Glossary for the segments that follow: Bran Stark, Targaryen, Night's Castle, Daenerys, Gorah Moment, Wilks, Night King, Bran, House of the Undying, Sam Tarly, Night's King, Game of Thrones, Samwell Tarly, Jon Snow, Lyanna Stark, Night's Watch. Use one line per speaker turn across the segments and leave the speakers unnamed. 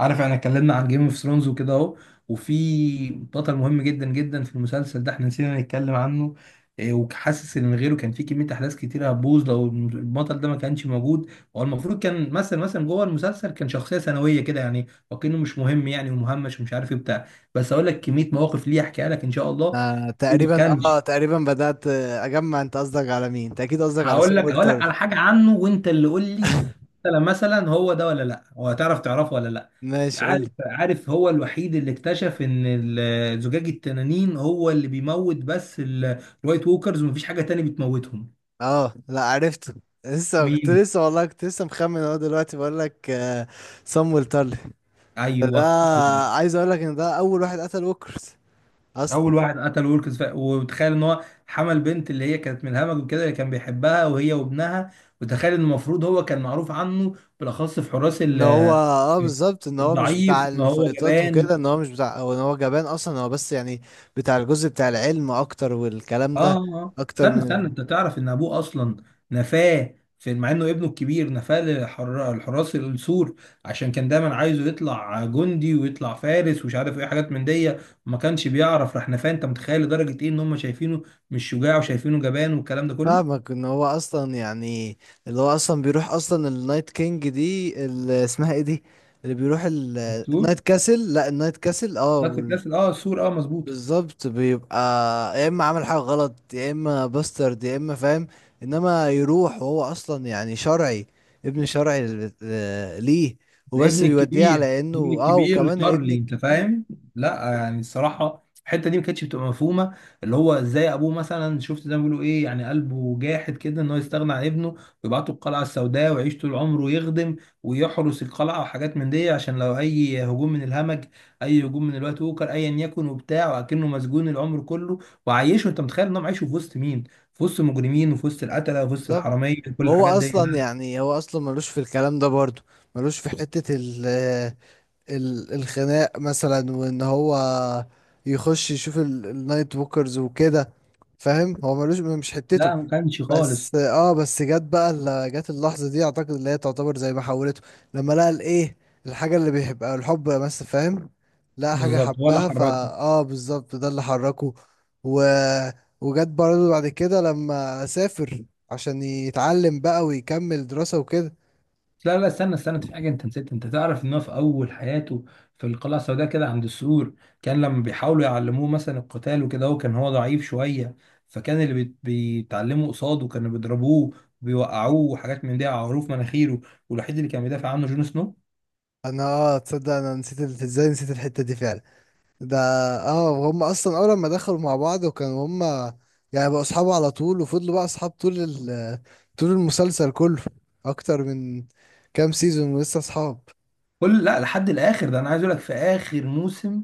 عارف احنا اتكلمنا عن جيم اوف ثرونز وكده اهو. وفي بطل مهم جدا في المسلسل ده احنا نسينا نتكلم عنه. إيه، وحاسس ان من غيره كان في كميه احداث كتيره هتبوظ لو البطل ده ما كانش موجود. هو المفروض كان مثلا جوه المسلسل كان شخصيه ثانويه كده، يعني وكانه مش مهم، يعني ومهمش ومش عارف ايه بتاع. بس اقول لك كميه مواقف ليه احكيها لك ان شاء الله.
تقريبا
كان،
تقريبا بدأت اجمع، انت قصدك على مين؟ انت اكيد قصدك على
هقول
سيم
لك هقول لك
وورتر.
على حاجه عنه وانت اللي قول لي. مثلا هو ده ولا لا، هو هتعرف تعرفه ولا لا؟
ماشي، قول لي.
عارف هو الوحيد اللي اكتشف ان زجاج التنانين هو اللي بيموت بس الوايت ووكرز، ومفيش حاجه تاني بتموتهم.
اه لا، عرفته. لسه كنت،
مين؟
لسه والله كنت لسه مخمن اهو، دلوقتي بقول لك سام تارلي.
ايوه
ده
هو ده.
عايز اقول لك ان ده اول واحد قتل ووكرز
اول
اصلا.
واحد قتل ويلكس، وتخيل ان هو حمل بنت، اللي هي كانت من الهمج وكده، اللي كان بيحبها، وهي وابنها. وتخيل ان المفروض هو كان معروف عنه بالاخص في حراس
ان هو اه بالظبط ان هو مش بتاع
ضعيف، ان هو
الفايتات
جبان.
وكده، ان هو مش بتاع، او ان هو جبان اصلا، هو بس يعني بتاع الجزء بتاع العلم اكتر والكلام
اه
ده،
اه.
اكتر
استنى
من.
انت تعرف ان ابوه اصلا نفاه، في مع انه ابنه الكبير نفاه الحراس السور، عشان كان دايما عايزه يطلع جندي ويطلع فارس ومش عارف ايه حاجات من دي. ما كانش بيعرف، راح نفاه. انت متخيل لدرجه ايه ان هم شايفينه مش شجاع وشايفينه جبان والكلام ده كله؟
فاهمك، ان هو اصلا يعني اللي هو اصلا بيروح اصلا النايت كينج دي، اللي اسمها ايه دي، اللي بيروح
السور،
النايت كاسل، لا النايت كاسل اه،
نفس الكاس. اه السور، اه مظبوط.
بالظبط. بيبقى يا اما عمل حاجه غلط، يا اما باسترد، يا اما فاهم. انما يروح وهو اصلا يعني شرعي، ابن شرعي ل ليه، وبس
الابن
بيوديه
الكبير،
على انه
الابن
اه،
الكبير
وكمان الابن
لتارلي، انت
الكبير.
فاهم؟ لا يعني الصراحه الحته دي ما كانتش بتبقى مفهومه. اللي هو ازاي ابوه، مثلا شفت زي ما بيقولوا ايه، يعني قلبه جاحد كده ان هو يستغنى عن ابنه، ويبعته القلعه السوداء ويعيش طول عمره يخدم ويحرس القلعه وحاجات من دي، عشان لو اي هجوم من الهمج، اي هجوم من الوقت اوكر ايا يكن وبتاع، وكأنه مسجون العمر كله. وعايشه، انت متخيل ان هو عايشه في وسط مين؟ في وسط المجرمين وفي وسط القتله وفي وسط
بالظبط.
الحراميه، كل
وهو
الحاجات دي.
اصلا
لا
يعني هو اصلا ملوش في الكلام ده برضه، ملوش في حته الخناق مثلا، وان هو يخش يشوف النايت ووكرز وكده. فاهم، هو ملوش، مش حتته.
لا ما كانش خالص.
بس اه، بس جت بقى جت اللحظة دي، اعتقد اللي هي تعتبر زي ما حولته، لما لقى الايه، الحاجة اللي بيحبها، الحب بس فاهم، لقى حاجة
بالظبط ولا
حبها فا
حركه.
اه بالظبط، ده اللي حركه. و... وجت برضه بعد كده لما سافر عشان يتعلم بقى ويكمل دراسة وكده.
لا استنى، في حاجة انت نسيت. انت تعرف ان هو في اول حياته في القلعة السوداء كده عند السور، كان لما بيحاولوا يعلموه مثلا القتال وكده، هو كان ضعيف شوية، فكان اللي بيتعلموا قصاده كانوا بيضربوه وبيوقعوه وحاجات من دي على عروف مناخيره، والوحيد اللي كان بيدافع عنه جون سنو.
انا اه، تصدق انا نسيت ازاي نسيت الحتة دي فعلا. ده اه، هم اصلا اول ما دخلوا مع بعض وكانوا هم يعني بقوا اصحاب على طول، وفضلوا بقى اصحاب طول طول المسلسل كله، اكتر من كام سيزون ولسه اصحاب.
كل، لا لحد الاخر ده. انا عايز اقول لك في اخر موسم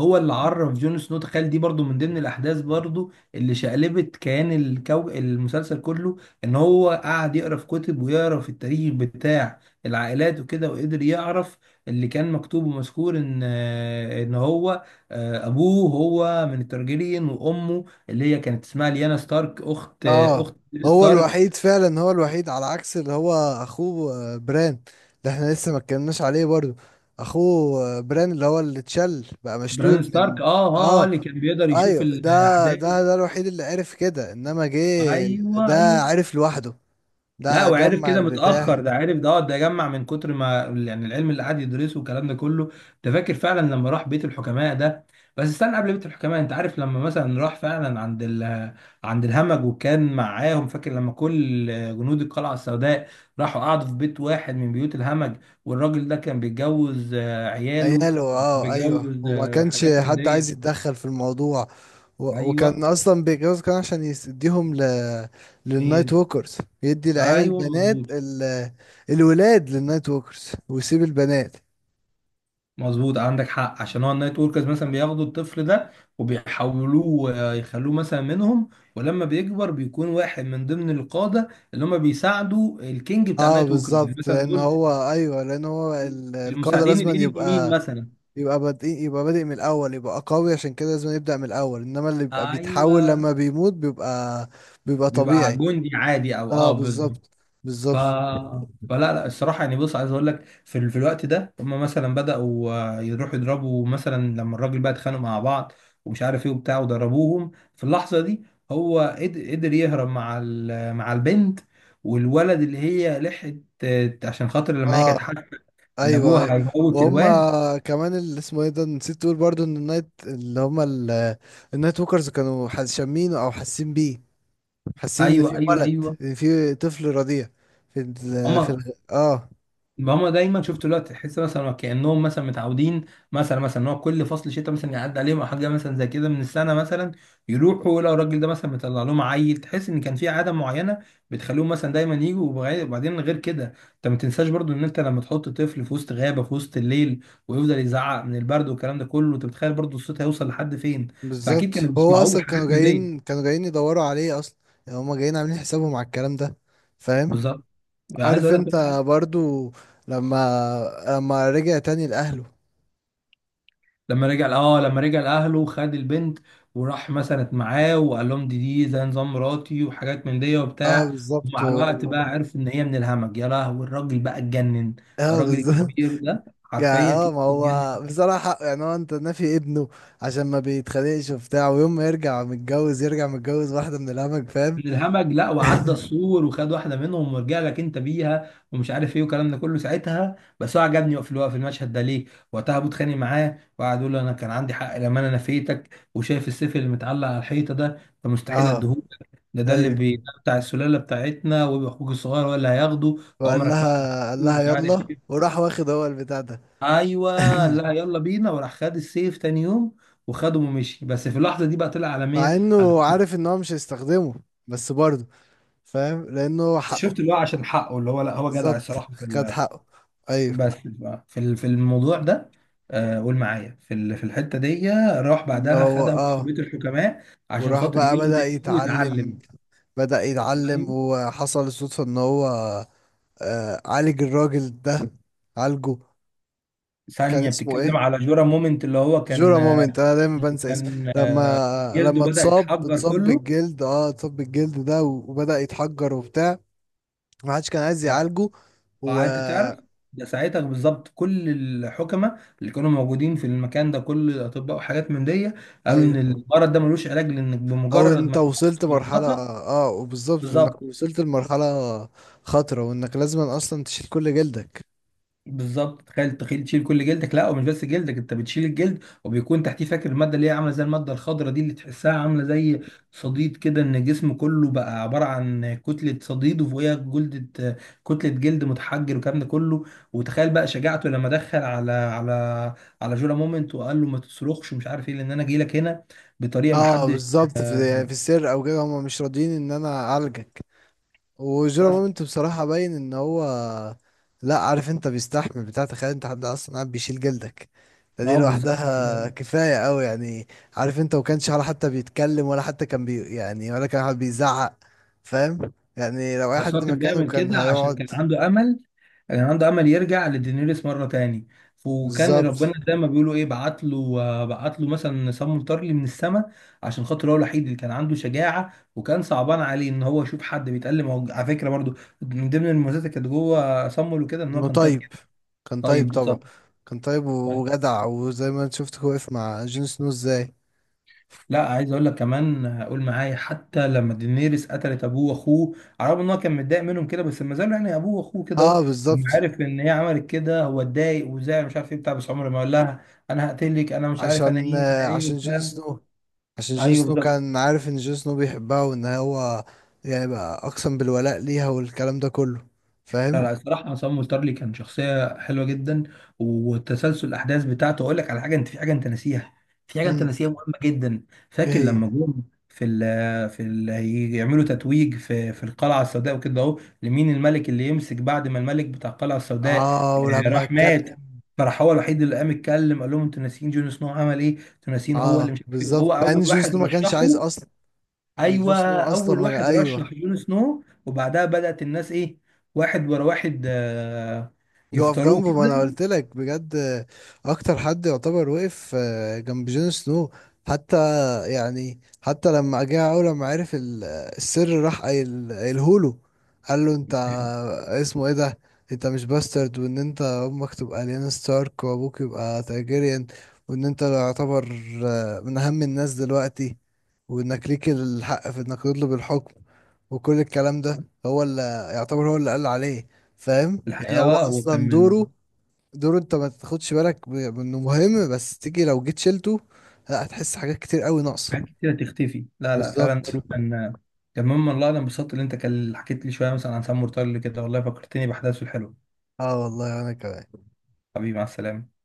هو اللي عرف جون سنو. تخيل دي برضو من ضمن الاحداث برضو اللي شقلبت كيان المسلسل كله. ان هو قعد يقرا في كتب ويقرا في التاريخ بتاع العائلات وكده، وقدر يعرف اللي كان مكتوب ومذكور ان ان هو ابوه هو من الترجيريين، وامه اللي هي كانت اسمها ليانا ستارك، اخت
اه
اخت
هو
ستارك.
الوحيد فعلا، هو الوحيد على عكس اللي هو اخوه بران. ده احنا لسه ما اتكلمناش عليه برضو. اخوه بران، اللي هو اللي اتشل بقى، مشلول
بران ستارك،
من.
اه اه،
اه
اللي كان بيقدر يشوف
ايوه، ده
الاحداث.
ده ده الوحيد اللي عرف كده انما جه.
ايوه ايوه.
ده عرف لوحده،
لا
ده
وعرف
جمع
كده
البتاع.
متأخر، ده عرف ده ده جمع من كتر ما يعني العلم اللي قعد يدرسه والكلام ده كله. ده فاكر فعلا لما راح بيت الحكماء ده. بس استنى، قبل بيت الحكماء انت عارف لما مثلا راح فعلا عند ال، عند الهمج وكان معاهم؟ فاكر لما كل جنود القلعة السوداء راحوا قعدوا في بيت واحد من بيوت الهمج، والراجل ده كان بيتجوز عياله،
عياله اه ايوه،
بيتجوز
وما كانش
حاجات من
حد عايز
دي.
يتدخل في الموضوع. و... وكان
ايوه
اصلا بيتجوز، كان عشان يديهم ل...
هي
للنايت
دي.
ووكرز. يدي العيال
ايوه
البنات
مظبوط.
ال... الولاد للنايت ووكرز، ويسيب البنات.
مظبوط عندك حق، عشان هو النايت وركرز مثلا بياخدوا الطفل ده وبيحولوه يخلوه مثلا منهم، ولما بيكبر بيكون واحد من ضمن القادة اللي هم بيساعدوا الكينج بتاع
اه
النايت وركرز، يعني
بالظبط،
مثلا
لان
دول
هو ايوه، لان هو ال... القاده
المساعدين،
لازم
الايد اليمين
يبقى،
مثلا.
يبقى بادئ، يبقى بادئ من الاول، يبقى قوي، عشان كده لازم يبدأ من الاول. انما اللي بيبقى بيتحول
ايوه،
لما بيموت بيبقى، بيبقى
بيبقى
طبيعي.
جندي عادي، او
اه
اه بالظبط.
بالظبط،
ف،
بالظبط.
فلا لا الصراحه، يعني بص عايز اقول لك في, في الوقت ده هم مثلا بداوا يروحوا يضربوا، مثلا لما الراجل بقى اتخانقوا مع بعض ومش عارف ايه وبتاع، وضربوهم. في اللحظه دي هو قدر يهرب مع مع البنت والولد، اللي هي لحقت عشان خاطر لما هي كانت
اه
حاسه ان
ايوه ايوه.
ابوها هيموت
وهم
الواد.
كمان، اللي اسمه ايه ده نسيت تقول برضو، ان النايت اللي هم النايت ووكرز كانوا حاس-، شامينه او حاسين بيه، حاسين ان
ايوه
في
ايوه
ولد،
ايوه
ان في طفل رضيع في ال، في
هم،
ال اه.
هما دايما، شفت دلوقتي تحس مثلا كانهم مثلا متعودين، مثلا ان هو كل فصل شتاء مثلا يعدي عليهم او حاجه مثلا زي كده من السنه مثلا، يروحوا لو الراجل ده مثلا مطلع لهم عيل. تحس ان كان في عاده معينه بتخليهم مثلا دايما يجوا، وبعدين غير كده. انت ما تنساش برضو ان انت لما تحط طفل في وسط غابه في وسط الليل ويفضل يزعق من البرد والكلام ده كله، انت بتخيل برضو الصوت هيوصل لحد فين. فاكيد
بالظبط،
كانوا
هو
بيسمعوه،
اصلا كانوا
حاجات من دي.
جايين، كانوا جايين يدوروا عليه اصلا. يعني هم جايين عاملين حسابهم على الكلام ده، فاهم.
بالظبط. عايز
عارف
اقول لك،
انت، برضو لما، لما رجع تاني لاهله.
لما رجع، اه لما رجع لاهله خد البنت وراح مثلا معاه وقال لهم دي، دي زي نظام مراتي وحاجات من دي
اه
وبتاع.
بالظبط
ومع الوقت
و-.
بقى عرف ان هي من الهمج، يا لهوي الراجل بقى اتجنن،
اه
الراجل
بالظبط.
الكبير ده
يعني
حرفيا
اه،
كده
ما
اتجنن.
هو بصراحة يعني هو، انت نافي ابنه عشان ما بيتخانقش وبتاع، ويوم ما يرجع متجوز، يرجع متجوز واحدة من الهمج، فاهم.
من الهمج، لا وعدى السور وخد واحده منهم ورجع لك انت بيها ومش عارف ايه والكلام ده كله. ساعتها بس هو عجبني في الوقت، في المشهد ده ليه. وقتها ابو اتخانق معاه وقعد يقول له انا كان عندي حق لما انا نفيتك، وشايف السيف اللي متعلق على الحيطه ده، فمستحيل
اه
اديهولك. ده ده اللي بي...
ايوه.
ده بتاع السلاله بتاعتنا، ويبقى اخوك الصغير هو اللي هياخده.
وقال
عمرك ما هتشوفه،
لها، قال لها
مش عارف
يلا،
ايه.
وراح واخد هو البتاع ده.
ايوه قال لها يلا بينا، وراح خد السيف تاني يوم وخده ومشي. بس في اللحظه دي بقى طلع على
مع
مين، على
انه
مين.
عارف ان هو مش هيستخدمه، بس برضه فاهم، لانه هو حقه.
شفت اللي هو عشان حقه، اللي هو لا هو جدع
بالظبط،
الصراحه.
خد حقه. ايوه.
بس بقى في في الموضوع ده، قول معايا في في الحته دي. راح
ان
بعدها
هو
خدها
اه.
وحبيت الحكماء عشان
وراح
خاطر
بقى بدأ
يخدم فيه
يتعلم،
ويتعلم.
بدأ يتعلم،
فاهم؟
وحصل الصدفة ان هو آه عالج الراجل ده، عالجه. كان
ثانيه
اسمه
بتتكلم
ايه؟
على جورا مومنت، اللي هو
جورا
كان،
مومنت، انا دايما
اللي
بنسى اسمه
كان
لما،
جلده
لما
بدا
اتصاب،
يتحجر
اتصاب
كله.
بالجلد اه، اتصاب بالجلد ده و-، وبدأ يتحجر وبتاع، ما حدش كان عايز يعالجه و.
انت تعرف، ده ساعتها بالظبط كل الحكماء اللي كانوا موجودين في المكان ده، كل الاطباء وحاجات من دي، قالوا ان
ايوه
المرض ده ملوش علاج، لانك
او
بمجرد
انت
ما يحصل
وصلت مرحلة،
بالخطا.
اه وبالظبط، وانك
بالظبط.
وصلت لمرحلة خطرة، وانك لازم اصلا تشيل كل جلدك.
بالظبط، تخيل تشيل كل جلدك. لا ومش بس جلدك، انت بتشيل الجلد وبيكون تحتيه، فاكر الماده اللي هي عامله زي الماده الخضراء دي اللي تحسها عامله زي صديد كده، ان الجسم كله بقى عباره عن كتله صديد وفوقيها جلدة، كتله جلد متحجر والكلام ده كله. وتخيل بقى شجاعته لما دخل على على جولا مومنت وقال له ما تصرخش ومش عارف ايه، لان انا جاي لك هنا بطريقه ما
اه
حدش.
بالظبط، في يعني في السر او كده هم مش راضيين ان انا اعالجك. وجيرو
بس
مومنت بصراحة باين ان هو، لا عارف انت بيستحمل بتاع، تخيل انت حد اصلا قاعد بيشيل جلدك، ده دي
اه بالظبط.
لوحدها كفاية قوي يعني. عارف انت، وكانش ولا حتى بيتكلم، ولا حتى كان بي يعني، ولا كان حد بيزعق، فاهم يعني لو اي
بس
حد
هو كان
مكانه
بيعمل
كان
كده عشان كان
هيقعد.
عنده امل، كان عنده امل يرجع لدينيريس مره تاني. وكان ربنا
بالظبط،
زي ما بيقولوا ايه بعت له مثلا سم مطرلي من السماء، عشان خاطر هو الوحيد اللي كان عنده شجاعه، وكان صعبان عليه ان هو يشوف حد بيتألم. هو على فكره برضو من ضمن المميزات اللي كانت جوه سمو له كده، ان هو
انه
كان طيب جدا.
طيب، كان
طيب
طيب طبعا،
بالظبط.
كان طيب وجدع، وزي ما انت شفت هو واقف مع جون سنو ازاي.
لا عايز اقول لك كمان، قول معايا حتى لما دينيريس قتلت ابوه واخوه، على الرغم ان هو كان متضايق منهم كده، بس ما زالوا يعني ابوه واخوه كده أهو.
اه
لما
بالظبط،
عارف ان هي عملت كده، هو اتضايق وزعل مش عارف ايه بتاع، بس عمره ما قال لها انا هقتلك انا مش عارف انا
عشان
ايه انا ايه
عشان جون
بتاع.
سنو، عشان جون
ايوه
سنو
بالظبط.
كان عارف ان جون سنو بيحبها، وان هو يعني بقى اقسم بالولاء ليها والكلام ده كله،
لا
فاهم.
لا الصراحة، عصام مولترلي كان شخصية حلوة جدا، وتسلسل الأحداث بتاعته. أقول لك على حاجة أنت، في حاجة أنت ناسيها، في حاجة أنت
امم،
ناسيها مهمة جدا.
ايه
فاكر
هي؟
لما جم في في ال، يعملوا تتويج في في القلعة السوداء وكده أهو، لمين الملك اللي يمسك بعد ما الملك بتاع القلعة السوداء
اه ولما
راح
اتكلم.
مات؟ فراح هو الوحيد اللي قام اتكلم، قال لهم أنتوا ناسيين جون سنو عمل إيه؟ أنتوا ناسيين هو اللي
اه
مش عارف إيه،
بالظبط،
وهو
مع ان
أول
جون
واحد
سنو ما كانش عايز
رشحه.
اصلا، يعني جون
ايوه
سنو اصلا
اول
ما
واحد رشح
ايوه،
جون سنو، وبعدها بدأت الناس ايه، واحد ورا واحد،
يقف
يختاروه
جنبه، ما انا
كده.
قلت لك بجد اكتر حد يعتبر وقف جنب جون سنو. حتى يعني حتى لما جه اول، لما عرف السر، راح قايلهوله، قال له انت، اسمه ايه ده، انت مش باسترد، وان انت امك تبقى ليانا ستارك، وابوك يبقى تاجيريان، وان انت يعتبر من اهم الناس دلوقتي، وانك ليك الحق في انك تطلب الحكم، وكل الكلام ده هو اللي يعتبر هو اللي قال عليه، فاهم يعني
الحقيقه
هو
اه هو كان
اصلا
من،
دوره، دوره انت ما تاخدش بالك انه مهم، بس تيجي لو جيت شلته لا، هتحس حاجات كتير قوي ناقصه.
حاجات كتيره تختفي. لا لا فعلا
بالظبط.
دوره كان، كان مما الله. انا انبسطت اللي انت كان حكيت لي شويه مثلا عن سام مرتضى كده، والله فكرتني باحداثه الحلوه.
اه والله انا كمان.
حبيبي مع السلامه.